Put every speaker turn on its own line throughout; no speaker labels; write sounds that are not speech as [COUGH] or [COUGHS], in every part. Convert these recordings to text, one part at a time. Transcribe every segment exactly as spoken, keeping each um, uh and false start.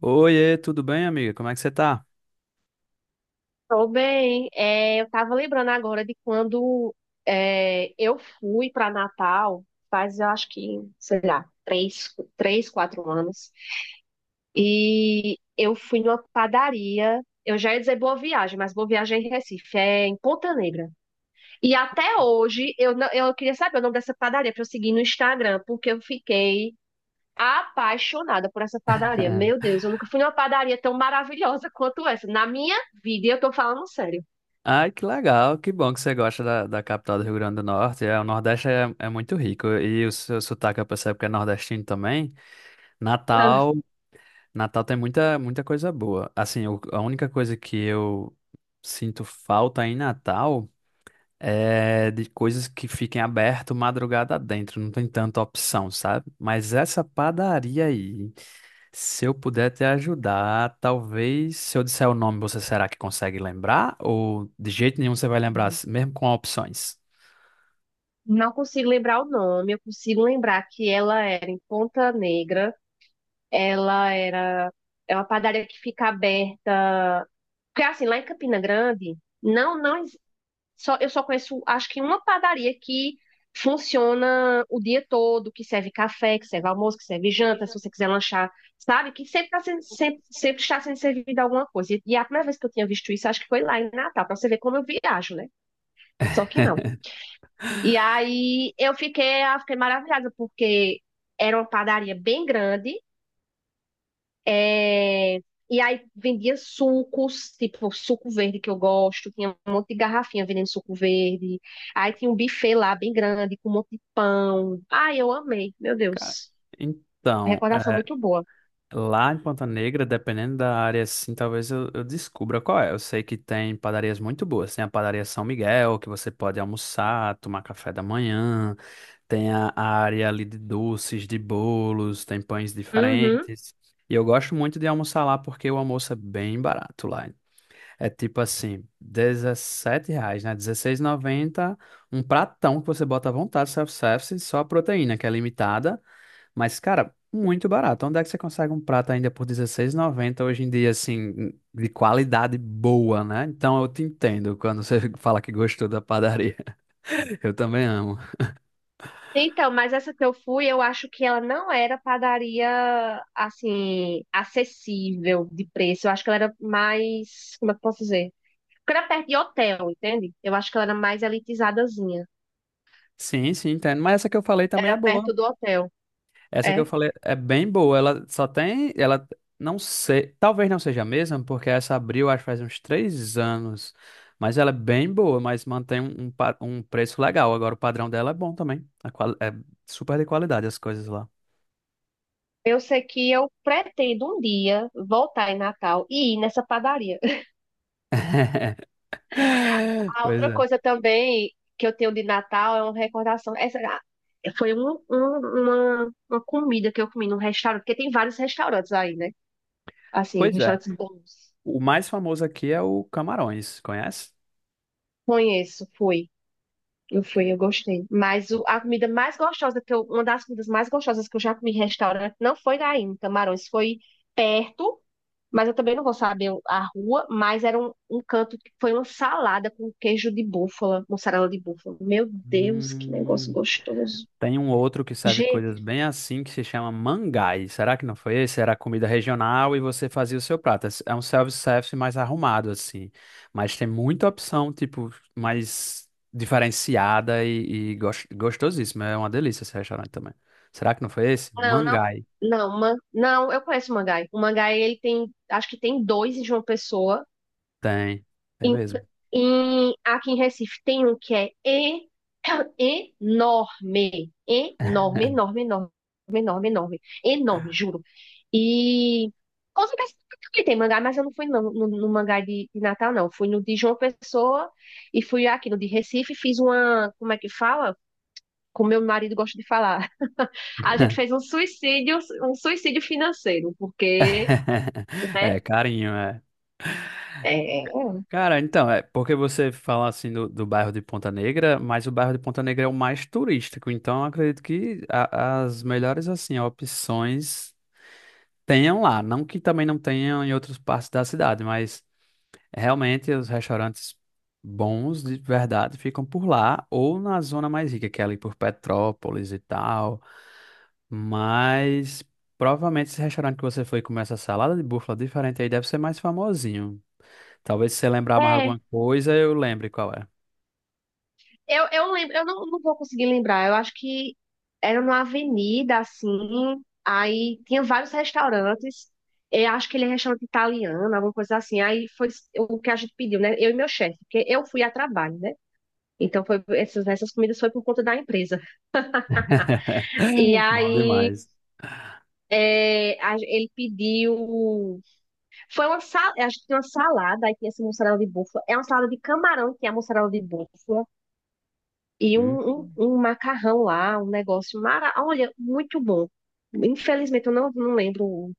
Oiê, tudo bem, amiga? Como é que você tá?
Tô bem. É, eu tava lembrando agora de quando é, eu fui para Natal, faz eu acho que, sei lá, três, três, quatro anos. E eu fui numa padaria. Eu já ia dizer Boa Viagem, mas Boa Viagem é em Recife, é em Ponta Negra. E até hoje eu, não- eu queria saber o nome dessa padaria para eu seguir no Instagram, porque eu fiquei apaixonada por essa padaria. Meu
[LAUGHS]
Deus, eu nunca fui numa padaria tão maravilhosa quanto essa. Na minha vida, e eu tô falando sério.
Ai, que legal, que bom que você gosta da, da capital do Rio Grande do Norte. É, o Nordeste é, é muito rico e o seu sotaque eu percebo que é nordestino também. Natal,
[LAUGHS]
Natal tem muita, muita coisa boa. Assim, o- a única coisa que eu sinto falta em Natal é de coisas que fiquem aberto madrugada dentro, não tem tanta opção, sabe? Mas essa padaria aí, se eu puder te ajudar, talvez se eu disser o nome, você será que consegue lembrar? Ou de jeito nenhum você vai lembrar, mesmo com opções?
Não consigo lembrar o nome, eu consigo lembrar que ela era em Ponta Negra, ela era é uma padaria que fica aberta, porque assim, lá em Campina Grande, não não ex- só eu só conheço acho que uma padaria que funciona o dia todo, que serve café, que serve almoço, que serve janta, se você quiser lanchar, sabe? Que sempre tá sendo, sempre, sempre está sendo servida alguma coisa. E, e a primeira vez que eu tinha visto isso, acho que foi lá em Natal, para você ver como eu viajo, né? Só que não.
[LAUGHS]
E aí eu fiquei, eu fiquei maravilhada, porque era uma padaria bem grande, é, e aí vendia sucos, tipo suco verde que eu gosto, tinha um monte de garrafinha vendendo suco verde. Aí tinha um buffet lá bem grande, com um monte de pão. Ai, eu amei, meu
Cara,
Deus.
então,
Recordação
é,
muito boa.
lá em Ponta Negra, dependendo da área, assim, talvez eu, eu descubra qual é. Eu sei que tem padarias muito boas. Tem a padaria São Miguel, que você pode almoçar, tomar café da manhã. Tem a a área ali de doces, de bolos, tem pães
Uhum.
diferentes. E eu gosto muito de almoçar lá porque o almoço é bem barato lá. É tipo assim, R dezessete reais, né? Dezesseis e noventa, um pratão que você bota à vontade, self-service, só a proteína, que é limitada. Mas, cara, muito barato. Onde é que você consegue um prato ainda por dezesseis e noventa hoje em dia, assim, de qualidade boa, né? Então eu te entendo quando você [LAUGHS] fala que gostou da padaria. [LAUGHS] Eu também amo.
Então, mas essa que eu fui, eu acho que ela não era padaria, assim, acessível de preço. Eu acho que ela era mais, como é que eu posso dizer? Porque era perto de hotel, entende? Eu acho que ela era mais elitizadazinha.
Sim, sim, entendo. Mas essa que eu falei também é
Era
boa.
perto do hotel.
Essa que eu
É.
falei é bem boa. Ela só tem. Ela não sei. Talvez não seja a mesma, porque essa abriu, acho que faz uns três anos. Mas ela é bem boa, mas mantém um, um, pa- um preço legal. Agora o padrão dela é bom também. A qual é super de qualidade as coisas lá.
Eu sei que eu pretendo um dia voltar em Natal e ir nessa padaria. [LAUGHS]
[LAUGHS]
A
Pois
outra
é.
coisa também que eu tenho de Natal é uma recordação. Essa ah, foi um- um- uma, uma comida que eu comi num restaurante, porque tem vários restaurantes aí, né? Assim,
Pois é.
restaurantes bons.
O mais famoso aqui é o Camarões, conhece?
Conheço, fui. Eu fui, eu gostei. Mas o- a comida mais gostosa que eu, uma das comidas mais gostosas que eu já comi em restaurante não foi lá em Camarões, foi perto, mas eu também não vou saber a rua, mas era um, um canto que foi uma salada com queijo de búfala, mussarela de búfala. Meu Deus, que negócio
Hum.
gostoso.
Tem um outro que serve
Gente,
coisas bem assim que se chama Mangai. Será que não foi esse? Era comida regional e você fazia o seu prato. É um self-service mais arrumado assim, mas tem muita opção tipo mais diferenciada e, e gos- gostosíssima. É uma delícia esse restaurante também. Será que não foi esse?
não, não,
Mangai.
não, man, não, eu conheço o Mangai. O Mangai, ele tem, acho que tem dois em João Pessoa.
Tem, tem
Em,
mesmo.
em- aqui em Recife tem um que é e- [COUGHS] [CLEARS THROAT] enorme, enorme,
[LAUGHS]
enorme, enorme, enorme, enorme, enorme, juro. E com certeza também tem mangá, mas eu não fui não, no, no mangá de, de Natal, não. Fui no de João Pessoa e fui aqui no de Recife, fiz uma, como é que fala? Como meu marido gosta de falar. [LAUGHS] A gente fez um suicídio, um suicídio financeiro, porque, né?
É carinho, é.
É, é,
Cara, então, é porque você fala assim do, do bairro de Ponta Negra, mas o bairro de Ponta Negra é o mais turístico, então eu acredito que a- as melhores assim opções tenham lá, não que também não tenham em outras partes da cidade, mas realmente os restaurantes bons de verdade ficam por lá ou na zona mais rica, que é ali por Petrópolis e tal, mas provavelmente esse restaurante que você foi comer essa salada de búfala diferente aí deve ser mais famosinho. Talvez se você lembrar mais
é.
alguma coisa, eu lembre qual é.
Eu, eu, lembro, eu não, não vou conseguir lembrar. Eu acho que era numa avenida, assim. Aí tinha vários restaurantes. Eu acho que ele é restaurante italiano, alguma coisa assim. Aí foi o que a gente pediu, né? Eu e meu chefe, porque eu fui a trabalho, né? Então foi essas, essas comidas foi por conta da empresa.
[LAUGHS]
E
Bom
aí
demais.
é, a- ele pediu. Foi uma salada, a gente tinha uma salada, aí tinha essa mussarela de búfala. É uma salada de camarão que é a mussarela de búfala. E
Hum,
um, um, um macarrão lá, um negócio mara... Olha, muito bom. Infelizmente, eu não, não lembro.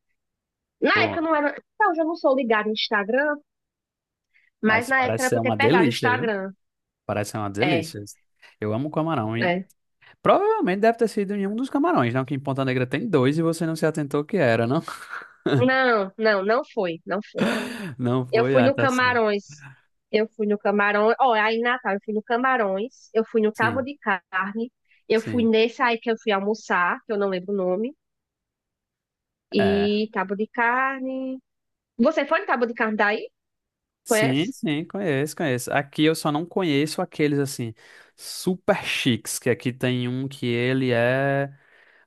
Na
pô,
época não era. Não, eu já não sou ligada no Instagram, mas
mas
na época
parece
era pra
ser
eu ter
uma
pegado o
delícia, viu?
Instagram.
Parece ser uma
É,
delícia. Eu amo camarão. E
é.
provavelmente deve ter sido em um dos camarões, não? Que em Ponta Negra tem dois e você não se atentou que era, não?
Não, não, não foi, não foi.
[LAUGHS] Não
Eu
foi?
fui
Ah,
no
tá certo.
Camarões. Eu fui no Camarões. Ó, aí em Natal, eu fui no Camarões, eu fui no Cabo
Sim,
de Carne, eu fui
sim.
nesse aí que eu fui almoçar, que eu não lembro o nome.
É.
E Cabo de Carne. Você foi no Cabo de Carne daí?
Sim,
Conhece?
sim, conheço, conheço. Aqui eu só não conheço aqueles assim, super chiques, que aqui tem um que ele é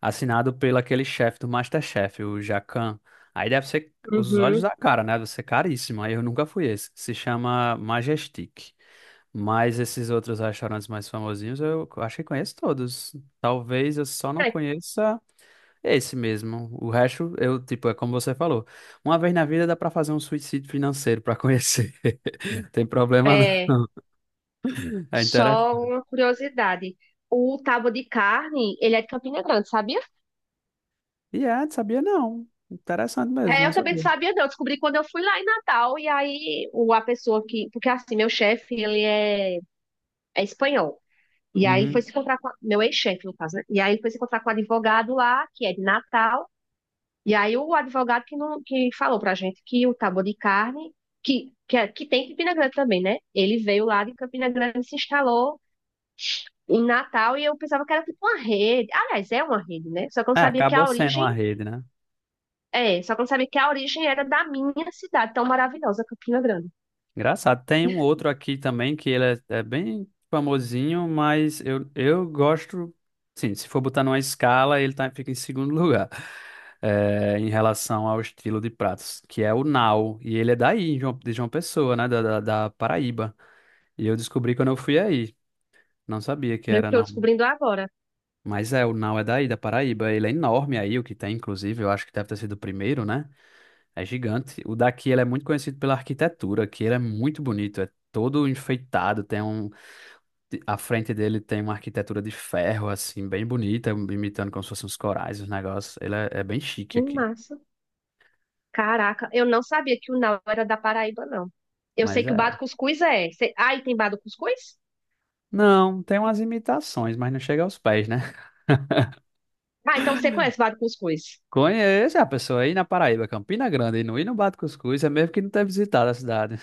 assinado pelo aquele chefe do MasterChef, o Jacan. Aí deve ser os olhos
Uhum.
da cara, né? Deve ser caríssimo. Aí eu nunca fui esse. Se chama Majestic. Mas esses outros restaurantes mais famosinhos eu acho que conheço todos. Talvez eu só não conheça esse mesmo. O resto, eu, tipo, é como você falou. Uma vez na vida dá pra fazer um suicídio financeiro pra conhecer. [LAUGHS] Não tem problema não.
É,
É
só
interessante.
uma curiosidade. O tábua de carne, ele é de Campina Grande, sabia?
E é, sabia não. Interessante mesmo,
É,
não
eu também não
sabia.
sabia, não. Descobri quando eu fui lá em Natal. E aí, o, a pessoa que. Porque assim, meu chefe, ele é, é espanhol. E aí, ele foi
Uhum.
se encontrar com. a- Meu ex-chefe, no caso, né? E aí, ele foi se encontrar com o advogado lá, que é de Natal. E aí, o advogado que, não, que falou pra gente que o tábua de carne, que, que, é- que tem em Campina Grande também, né? Ele veio lá de Campina Grande e se instalou em Natal e eu pensava que era tipo uma rede. Aliás, é uma rede, né? Só que eu não
É,
sabia que
acabou
a
sendo
origem
uma rede, né?
é, só que eu não sabia que a origem era da minha cidade, tão maravilhosa, Campina Grande.
Engraçado. Tem um outro aqui também que ele é, é bem famosinho, mas eu, eu gosto. Sim, se for botar numa escala, ele tá, fica em segundo [LAUGHS] lugar, é, em relação ao estilo de pratos, que é o Nau. E ele é daí, de João de João Pessoa, né? Da, da, da Paraíba. E eu descobri quando eu fui aí. Não sabia que
Eu
era,
estou
não.
descobrindo agora.
Mas é, o Nau é daí, da Paraíba. Ele é enorme aí, o que tem, inclusive. Eu acho que deve ter sido o primeiro, né? É gigante. O daqui ele é muito conhecido pela arquitetura, que ele é muito bonito, é todo enfeitado, tem um a frente dele tem uma arquitetura de ferro assim, bem bonita, imitando como se fossem uns corais, os negócios. Ele é, é bem chique
Que
aqui.
massa. Caraca, eu não sabia que o Nau era da Paraíba, não. Eu sei
Mas
que o
é.
Bado Cuscuz é. Cê... Ah, e tem Bado Cuscuz?
Não, tem umas imitações, mas não chega aos pés, né?
Ah, então você conhece Bado Cuscuz.
[LAUGHS] Conheço a pessoa aí na Paraíba, Campina Grande, e não ir no Bate Cuscuz, é mesmo que não ter visitado a cidade.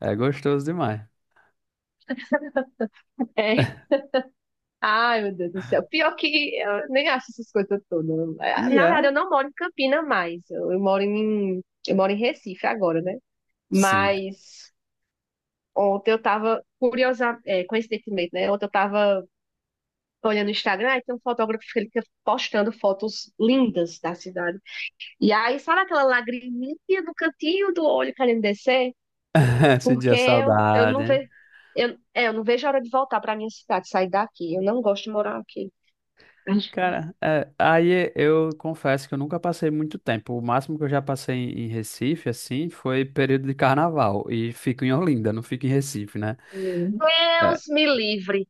É gostoso demais.
[LAUGHS] É. Ai, meu Deus do céu. Pior que eu nem acho essas coisas todas. É,
E
na
é,
verdade, eu não moro em Campina mais. Eu eu moro em, eu moro em Recife agora, né?
sim.
Mas ontem eu tava, curiosa, é, coincidentemente, né? Ontem eu tava olhando o Instagram e tem um fotógrafo que ele fica postando fotos lindas da cidade. E aí, sabe aquela lagriminha no cantinho do olho querendo descer?
[LAUGHS]
Porque
Sentia
eu, eu
saudade,
não
hein?
vejo, eu, é, eu não vejo a hora de voltar pra minha cidade, sair daqui. Eu não gosto de morar aqui.
Cara, é, aí eu confesso que eu nunca passei muito tempo. O máximo que eu já passei em em Recife, assim, foi período de carnaval. E fico em Olinda, não fico em Recife, né? É,
Deus me livre.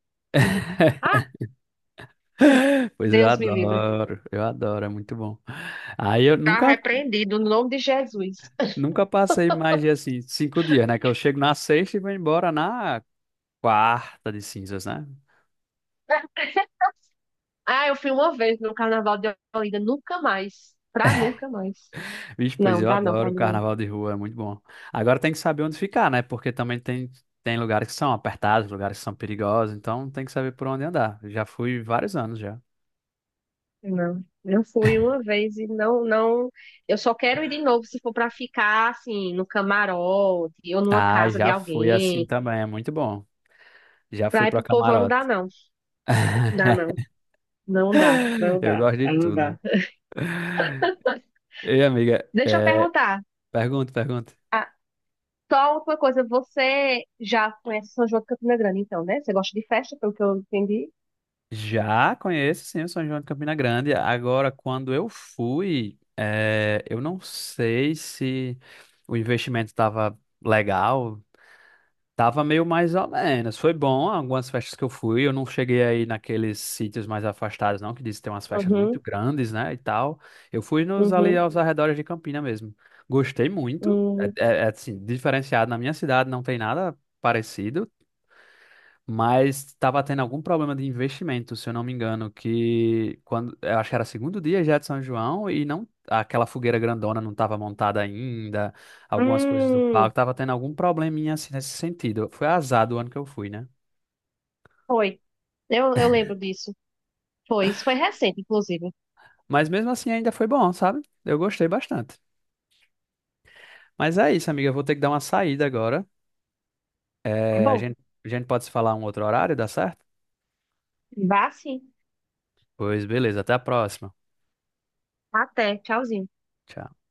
Ah,
pois eu
Deus me livre.
adoro, eu adoro, é muito bom. Aí eu
Tá
nunca,
repreendido no nome de Jesus.
nunca passei mais de, assim, cinco dias, né? Que eu chego na sexta e vou embora na quarta de cinzas, né?
[LAUGHS] Ah, eu fui uma vez no Carnaval de Olinda, nunca mais. Pra nunca mais.
Vixe, pois
Não,
eu
dá não
adoro
pra
o
mim não.
carnaval de rua, é muito bom. Agora tem que saber onde ficar, né? Porque também tem, tem lugares que são apertados, lugares que são perigosos, então tem que saber por onde andar. Já fui vários anos já.
Não, eu fui uma vez e não, não. Eu só quero ir de novo se for para ficar assim no camarote ou numa
Ah,
casa de
já fui assim
alguém.
também, é muito bom. Já fui
Pra ir
pro
pro povão não dá
camarote.
não, dá não,
[LAUGHS]
não dá, não
Eu
dá,
gosto de
aí não
tudo.
dá.
Ei, amiga,
Deixa eu
é,
perguntar.
pergunta, pergunta.
Ah, só uma coisa, você já conhece São João de Campina Grande, então, né? Você gosta de festa, pelo que eu entendi?
Já conheço, sim, o São João de Campina Grande. Agora, quando eu fui, é, eu não sei se o investimento estava legal. Tava meio mais ou menos. Foi bom algumas festas que eu fui. Eu não cheguei aí naqueles sítios mais afastados, não, que diz que tem umas festas muito
Uhum,
grandes, né? E tal. Eu fui nos ali
uhum,
aos arredores de Campina mesmo. Gostei muito. É,
uhum.
é- é, assim, diferenciado. Na minha cidade não tem nada parecido, mas estava tendo algum problema de investimento, se eu não me engano, que quando eu acho que era segundo dia já de São João e não, aquela fogueira grandona não estava montada ainda, algumas coisas do
Hum,
palco estava tendo algum probleminha assim nesse sentido. Foi azar do ano que eu fui, né?
foi. Eu, eu lembro disso. Foi, isso foi recente, inclusive.
Mas mesmo assim ainda foi bom, sabe? Eu gostei bastante. Mas é isso, amiga, eu vou ter que dar uma saída agora.
Tá
É, a
bom,
gente, a gente pode se falar um outro horário, dá certo?
vá sim.
Pois beleza, até a próxima.
Até, tchauzinho.
Tchau.